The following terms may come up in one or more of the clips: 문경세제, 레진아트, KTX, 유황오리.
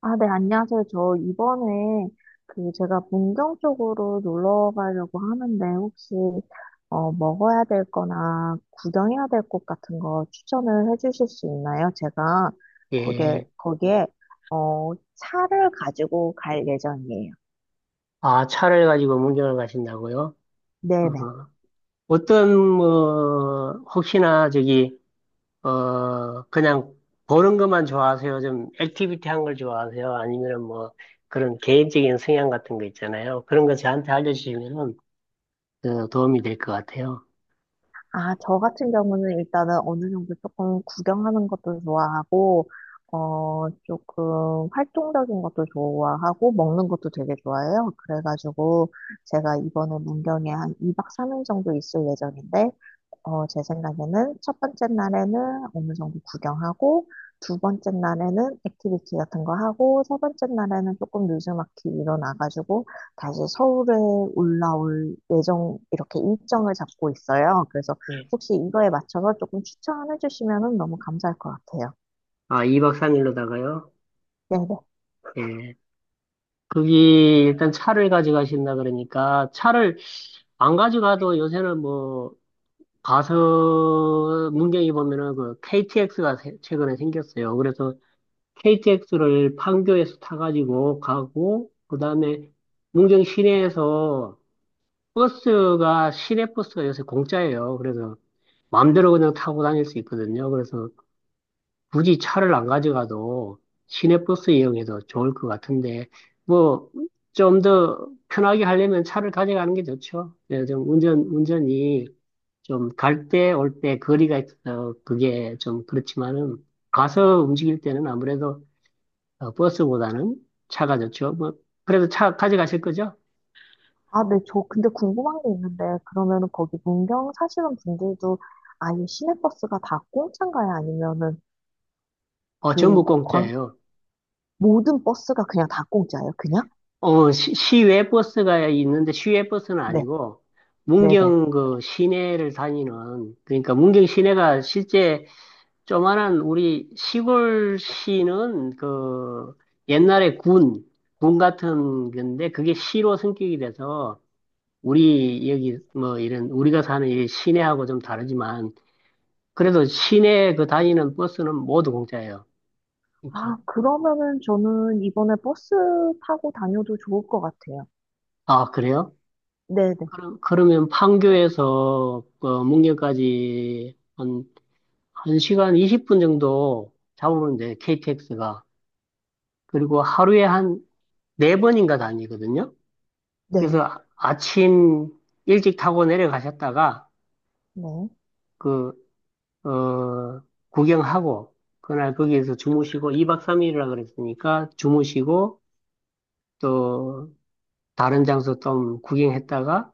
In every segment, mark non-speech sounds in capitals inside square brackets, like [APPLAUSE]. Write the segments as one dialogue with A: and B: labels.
A: 아, 네, 안녕하세요. 저 이번에 그 제가 문경 쪽으로 놀러 가려고 하는데 혹시 먹어야 될 거나 구경해야 될 곳 같은 거 추천을 해 주실 수 있나요? 제가 거기에,
B: 예.
A: 거기에 차를 가지고 갈 예정이에요.
B: 아, 차를 가지고 문경을 가신다고요? 어,
A: 네네.
B: 어떤, 뭐, 혹시나 그냥 보는 것만 좋아하세요? 좀 액티비티 한 걸 좋아하세요? 아니면 뭐, 그런 개인적인 성향 같은 거 있잖아요. 그런 거 저한테 알려주시면은 도움이 될 것 같아요.
A: 아, 저 같은 경우는 일단은 어느 정도 조금 구경하는 것도 좋아하고, 조금 활동적인 것도 좋아하고, 먹는 것도 되게 좋아해요. 그래가지고, 제가 이번에 문경에 한 2박 3일 정도 있을 예정인데, 제 생각에는 첫 번째 날에는 어느 정도 구경하고, 두 번째 날에는 액티비티 같은 거 하고, 세 번째 날에는 조금 느즈막히 일어나가지고, 다시 서울에 올라올 예정, 이렇게 일정을 잡고 있어요. 그래서
B: 예.
A: 혹시 이거에 맞춰서 조금 추천해 주시면 너무 감사할 것 같아요.
B: 아, 2박 3일로다가요?
A: 네네.
B: 예. 거기 일단 차를 가져가신다 그러니까 차를 안 가져가도 요새는 뭐 가서 문경이 보면은 그 KTX가 최근에 생겼어요. 그래서 KTX를 판교에서 타가지고 가고 그다음에 문경 시내에서 버스가 시내 버스가 요새 공짜예요. 그래서 마음대로 그냥 타고 다닐 수 있거든요. 그래서 굳이 차를 안 가져가도 시내 버스 이용해도 좋을 것 같은데 뭐 좀 더 편하게 하려면 차를 가져가는 게 좋죠. 네, 좀 운전이 좀 갈 때 올 때 거리가 있어 그게 좀 그렇지만은 가서 움직일 때는 아무래도 버스보다는 차가 좋죠. 뭐 그래도 차 가져가실 거죠?
A: 아, 네, 저 근데 궁금한 게 있는데, 그러면은 거기 문경 사시는 분들도 아예 시내버스가 다 공짜인가요? 아니면은
B: 어 전부
A: 그
B: 공짜예요.
A: 모든 버스가 그냥 다 공짜예요? 그냥?
B: 시외 버스가 있는데 시외 버스는
A: 네,
B: 아니고
A: 네네.
B: 문경 그 시내를 다니는 그러니까 문경 시내가 실제 조만한 우리 시골시는 그 옛날에 군 같은 건데 그게 시로 승격이 돼서 우리 여기 뭐 이런 우리가 사는 이 시내하고 좀 다르지만 그래도 시내 그 다니는 버스는 모두 공짜예요.
A: 아,
B: 그러니까
A: 그러면은 저는 이번에 버스 타고 다녀도 좋을 것 같아요.
B: 아 그래요?
A: 네네.
B: 그럼 그러면 판교에서 그 문경까지 한 시간 20분 정도 잡으면 돼요, KTX가. 그리고 하루에 한 네번인가 다니거든요.
A: 네,
B: 그래서 아침 일찍 타고 내려가셨다가
A: 네.
B: 그 어, 구경하고, 그날 거기에서 주무시고, 2박 3일이라 그랬으니까 주무시고, 또 다른 장소 좀 구경했다가,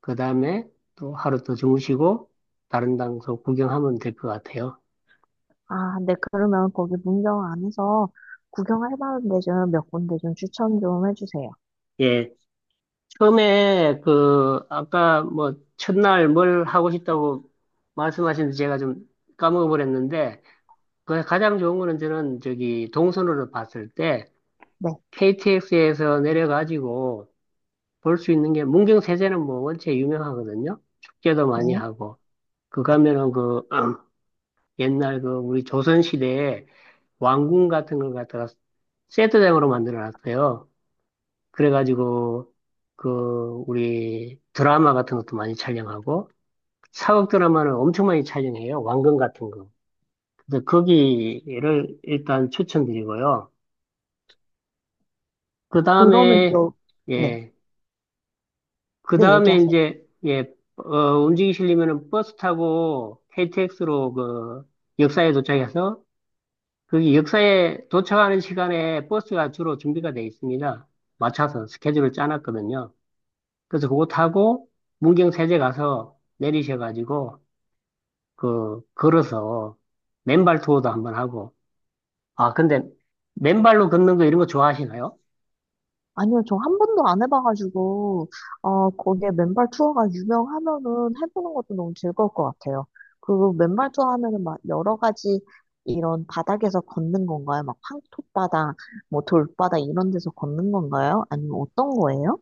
B: 그 다음에 또 하루 더 주무시고, 다른 장소 구경하면 될 것 같아요.
A: 아, 네, 그러면 거기 문경 안에서 구경할 만한 데 좀 몇 군데 좀 추천 좀 해주세요.
B: 예. 처음에 그, 아까 뭐, 첫날 뭘 하고 싶다고 말씀하시는데 제가 좀 까먹어버렸는데, 그 가장 좋은 거는 저는 저기 동선으로 봤을 때,
A: 네,
B: KTX에서 내려가지고, 볼 수 있는 게 문경 세제는 뭐 원체 유명하거든요. 축제도 많이
A: 네.
B: 하고 그 가면은 그 [CLEARS THROAT] 옛날 그 우리 조선 시대에 왕궁 같은 걸 갖다가 세트장으로 만들어 놨어요. 그래가지고 그 우리 드라마 같은 것도 많이 촬영하고 사극 드라마는 엄청 많이 촬영해요, 왕궁 같은 거. 그래서 거기를 일단 추천드리고요. 그
A: 그러면
B: 다음에
A: 여, 네,
B: 예. 그
A: 네,
B: 다음에
A: 얘기하세요.
B: 이제, 예, 움직이시려면은 버스 타고 KTX로 그 역사에 도착해서 거기 역사에 도착하는 시간에 버스가 주로 준비가 돼 있습니다. 맞춰서 스케줄을 짜놨거든요. 그래서 그거 타고 문경세제 가서 내리셔가지고 그 걸어서 맨발 투어도 한번 하고 아 근데 맨발로 걷는 거 이런 거 좋아하시나요?
A: 아니요, 저 한 번도 안 해봐가지고, 거기에 맨발 투어가 유명하면은 해보는 것도 너무 즐거울 것 같아요. 그 맨발 투어 하면은 막 여러 가지 이런 바닥에서 걷는 건가요? 막 황토바닥, 뭐 돌바닥 이런 데서 걷는 건가요? 아니면 어떤 거예요?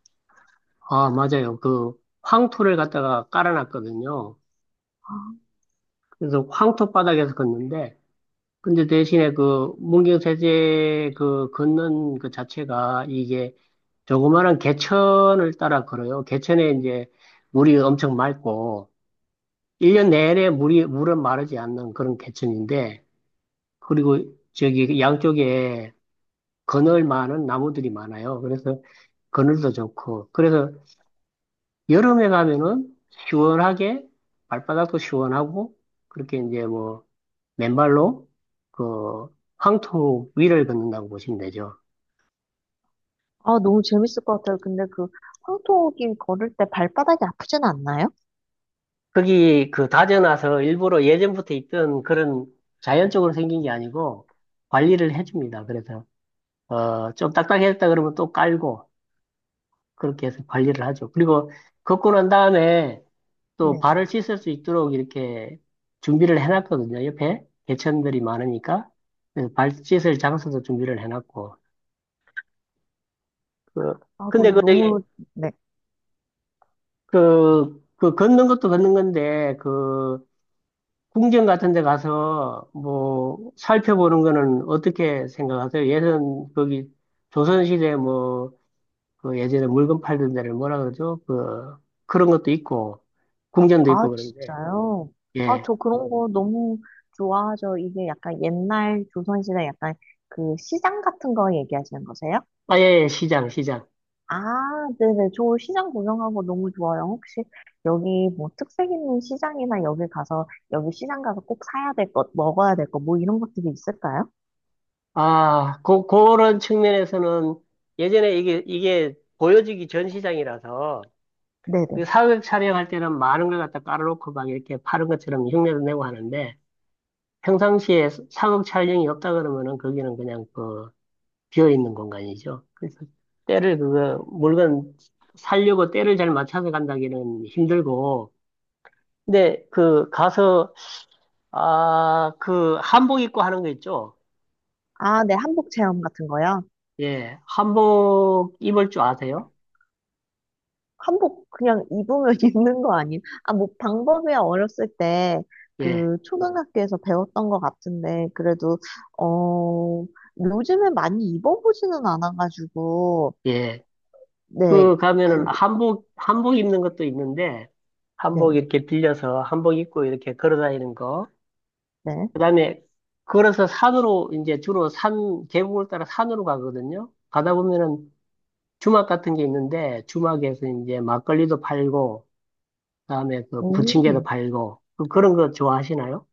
B: 아 맞아요. 그 황토를 갖다가 깔아놨거든요. 그래서 황토 바닥에서 걷는데 근데 대신에 그 문경세제 그 걷는 그 자체가 이게 조그마한 개천을 따라 걸어요. 개천에 이제 물이 엄청 맑고 일 년 내내 물이 물은 마르지 않는 그런 개천인데 그리고 저기 양쪽에 그늘 많은 나무들이 많아요. 그래서 그늘도 좋고 그래서 여름에 가면은 시원하게 발바닥도 시원하고 그렇게 이제 뭐 맨발로 그 황토 위를 걷는다고 보시면 되죠.
A: 아, 너무 재밌을 것 같아요. 근데 그 황토길 걸을 때 발바닥이 아프진 않나요?
B: 거기 그 다져놔서 일부러 예전부터 있던 그런 자연적으로 생긴 게 아니고 관리를 해줍니다. 그래서 좀 딱딱했다 그러면 또 깔고 그렇게 해서 관리를 하죠. 그리고 걷고 난 다음에 또
A: 네.
B: 발을 씻을 수 있도록 이렇게 준비를 해놨거든요. 옆에 개천들이 많으니까. 그래서 발 씻을 장소도 준비를 해놨고. 그,
A: 아, 그
B: 근데 그, 저기,
A: 너무, 네.
B: 그, 그 걷는 것도 걷는 건데, 그, 궁전 같은 데 가서 뭐 살펴보는 거는 어떻게 생각하세요? 예전 거기 조선시대 뭐, 그 예전에 물건 팔던 데를 뭐라 그러죠? 그, 그런 것도 있고, 궁전도
A: 아,
B: 있고 그런데,
A: 진짜요? 아,
B: 예.
A: 저 그런 네. 거 너무 좋아하죠. 이게 약간 옛날 조선시대 약간 그 시장 같은 거 얘기하시는 거세요?
B: 아, 예, 예, 시장, 시장.
A: 아, 네네. 저 시장 구경하고 너무 좋아요. 혹시 여기 뭐 특색 있는 시장이나 여기 가서, 여기 시장 가서 꼭 사야 될 것, 먹어야 될 것, 뭐 이런 것들이 있을까요?
B: 아, 그런 측면에서는 예전에 이게 보여지기 전 시장이라서
A: 네네.
B: 그 사극 촬영할 때는 많은 걸 갖다 깔아놓고 막 이렇게 파는 것처럼 흉내도 내고 하는데 평상시에 사극 촬영이 없다 그러면은 거기는 그냥 그 비어있는 공간이죠. 그래서 때를 그거 물건 살려고 때를 잘 맞춰서 간다기는 힘들고 근데 그 가서 아, 그 한복 입고 하는 거 있죠?
A: 아, 네. 한복 체험 같은 거요?
B: 예, 한복 입을 줄 아세요?
A: 한복 그냥 입으면 [LAUGHS] 입는 거 아니에요? 아, 뭐 방법이야 어렸을 때
B: 예.
A: 그 초등학교에서 배웠던 것 같은데 그래도 어 요즘에 많이 입어보지는 않아가지고
B: 예.
A: 네,
B: 그 가면은
A: 그,
B: 한복 입는 것도 있는데, 한복
A: 네,
B: 이렇게 빌려서 한복 입고 이렇게 걸어 다니는 거.
A: 네.
B: 그다음에 걸어서 산으로 이제 주로 산, 계곡을 따라 산으로 가거든요. 가다 보면은 주막 같은 게 있는데, 주막에서 이제 막걸리도 팔고, 그다음에 그 부침개도
A: 오.
B: 팔고, 그런 거 좋아하시나요?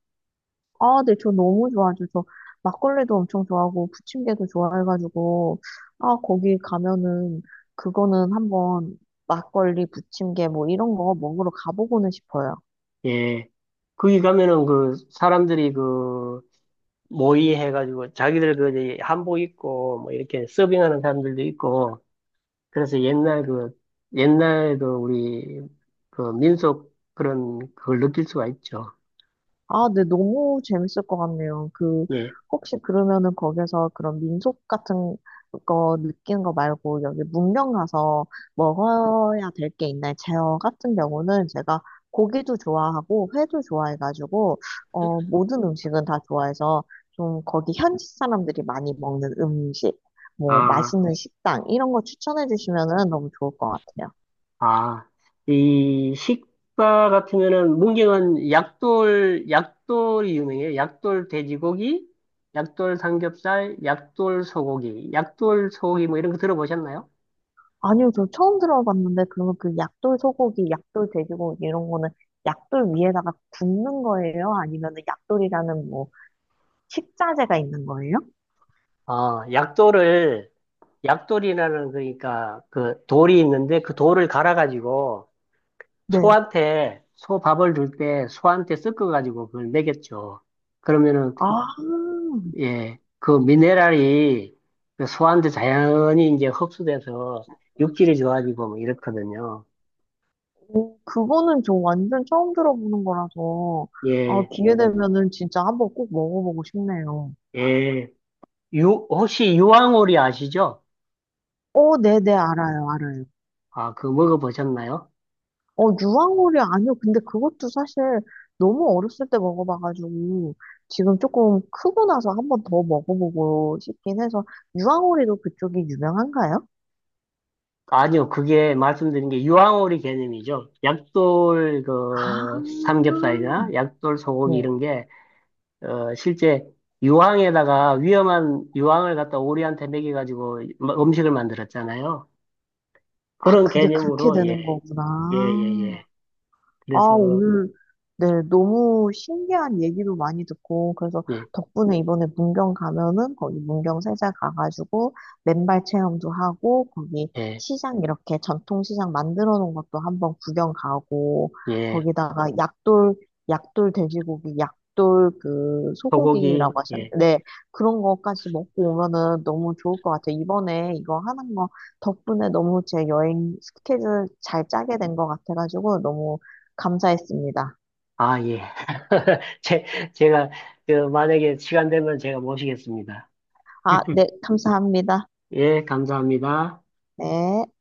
A: 아, 네, 저 너무 좋아하죠. 저 막걸리도 엄청 좋아하고 부침개도 좋아해가지고 아, 거기 가면은 그거는 한번 막걸리, 부침개 뭐 이런 거 먹으러 가보고는 싶어요.
B: 예. 거기 가면은 그 사람들이 그 모의해가지고 자기들 그 이제 한복 입고 뭐 이렇게 서빙하는 사람들도 있고, 그래서 옛날 그 우리 그 민속 그런 그걸 느낄 수가 있죠.
A: 아, 네, 너무 재밌을 것 같네요. 그,
B: 예.
A: 혹시 그러면은 거기서 그런 민속 같은 거 느끼는 거 말고 여기 문명 가서 먹어야 될 게 있나요? 제어 같은 경우는 제가 고기도 좋아하고 회도 좋아해가지고, 모든 음식은 다 좋아해서 좀 거기 현지 사람들이 많이 먹는 음식, 뭐
B: 아,
A: 맛있는 식당, 이런 거 추천해 주시면은 너무 좋을 것 같아요.
B: 아. 이 식사 같으면은 문경은 약돌이 유명해요. 약돌 돼지고기, 약돌 삼겹살, 약돌 소고기 뭐 이런 거 들어보셨나요?
A: 아니요, 저 처음 들어봤는데, 그러면 그 약돌 소고기, 약돌 돼지고기 이런 거는 약돌 위에다가 굽는 거예요? 아니면 약돌이라는 뭐 식자재가 있는 거예요?
B: 아, 약돌을 약돌이라는 그러니까 그 돌이 있는데 그 돌을 갈아가지고
A: 네.
B: 소한테 소 밥을 줄 때 소한테 섞어가지고 그걸 먹였죠. 그러면은
A: 아,
B: 예, 그 미네랄이 그 소한테 자연히 이제 흡수돼서 육질이 좋아지고 뭐 이렇거든요.
A: 그거는 저 완전 처음 들어보는 거라서, 아,
B: 예,
A: 기회 되면은 진짜 한번 꼭 먹어보고 싶네요.
B: 예. 혹시 유황오리 아시죠?
A: 어, 네네, 알아요, 알아요.
B: 아, 그거 먹어보셨나요?
A: 어, 유황오리 아니요. 근데 그것도 사실 너무 어렸을 때 먹어봐가지고 지금 조금 크고 나서 한번 더 먹어보고 싶긴 해서 유황오리도 그쪽이 유명한가요?
B: 아니요, 그게 말씀드린 게 유황오리 개념이죠. 약돌
A: 아,
B: 그 삼겹살이나 약돌
A: 네.
B: 소고기 이런 게 실제 유황에다가 위험한 유황을 갖다 오리한테 먹여가지고 음식을 만들었잖아요.
A: 아,
B: 그런
A: 그게 그렇게
B: 개념으로, 예,
A: 되는
B: 예, 예, 예.
A: 거구나. 아,
B: 그래서,
A: 오늘, 네, 너무 신기한 얘기도 많이 듣고, 그래서
B: 예,
A: 덕분에 이번에 문경 가면은 거기 문경 세자 가가지고 맨발 체험도 하고, 거기
B: 예,
A: 시장 이렇게 전통시장 만들어 놓은 것도 한번 구경 가고,
B: 예.
A: 거기다가 약돌, 약돌 돼지고기, 약돌 그
B: 소고기,
A: 소고기라고
B: 예.
A: 하셨는데, 네, 그런 거까지 먹고 오면은 너무 좋을 것 같아요. 이번에 이거 하는 거 덕분에 너무 제 여행 스케줄 잘 짜게 된 것 같아가지고, 너무 감사했습니다.
B: 아, 예. [LAUGHS] 제, 제가, 만약에 시간 되면 제가 모시겠습니다.
A: 아, 네,
B: [LAUGHS]
A: 감사합니다.
B: 예, 감사합니다.
A: 네.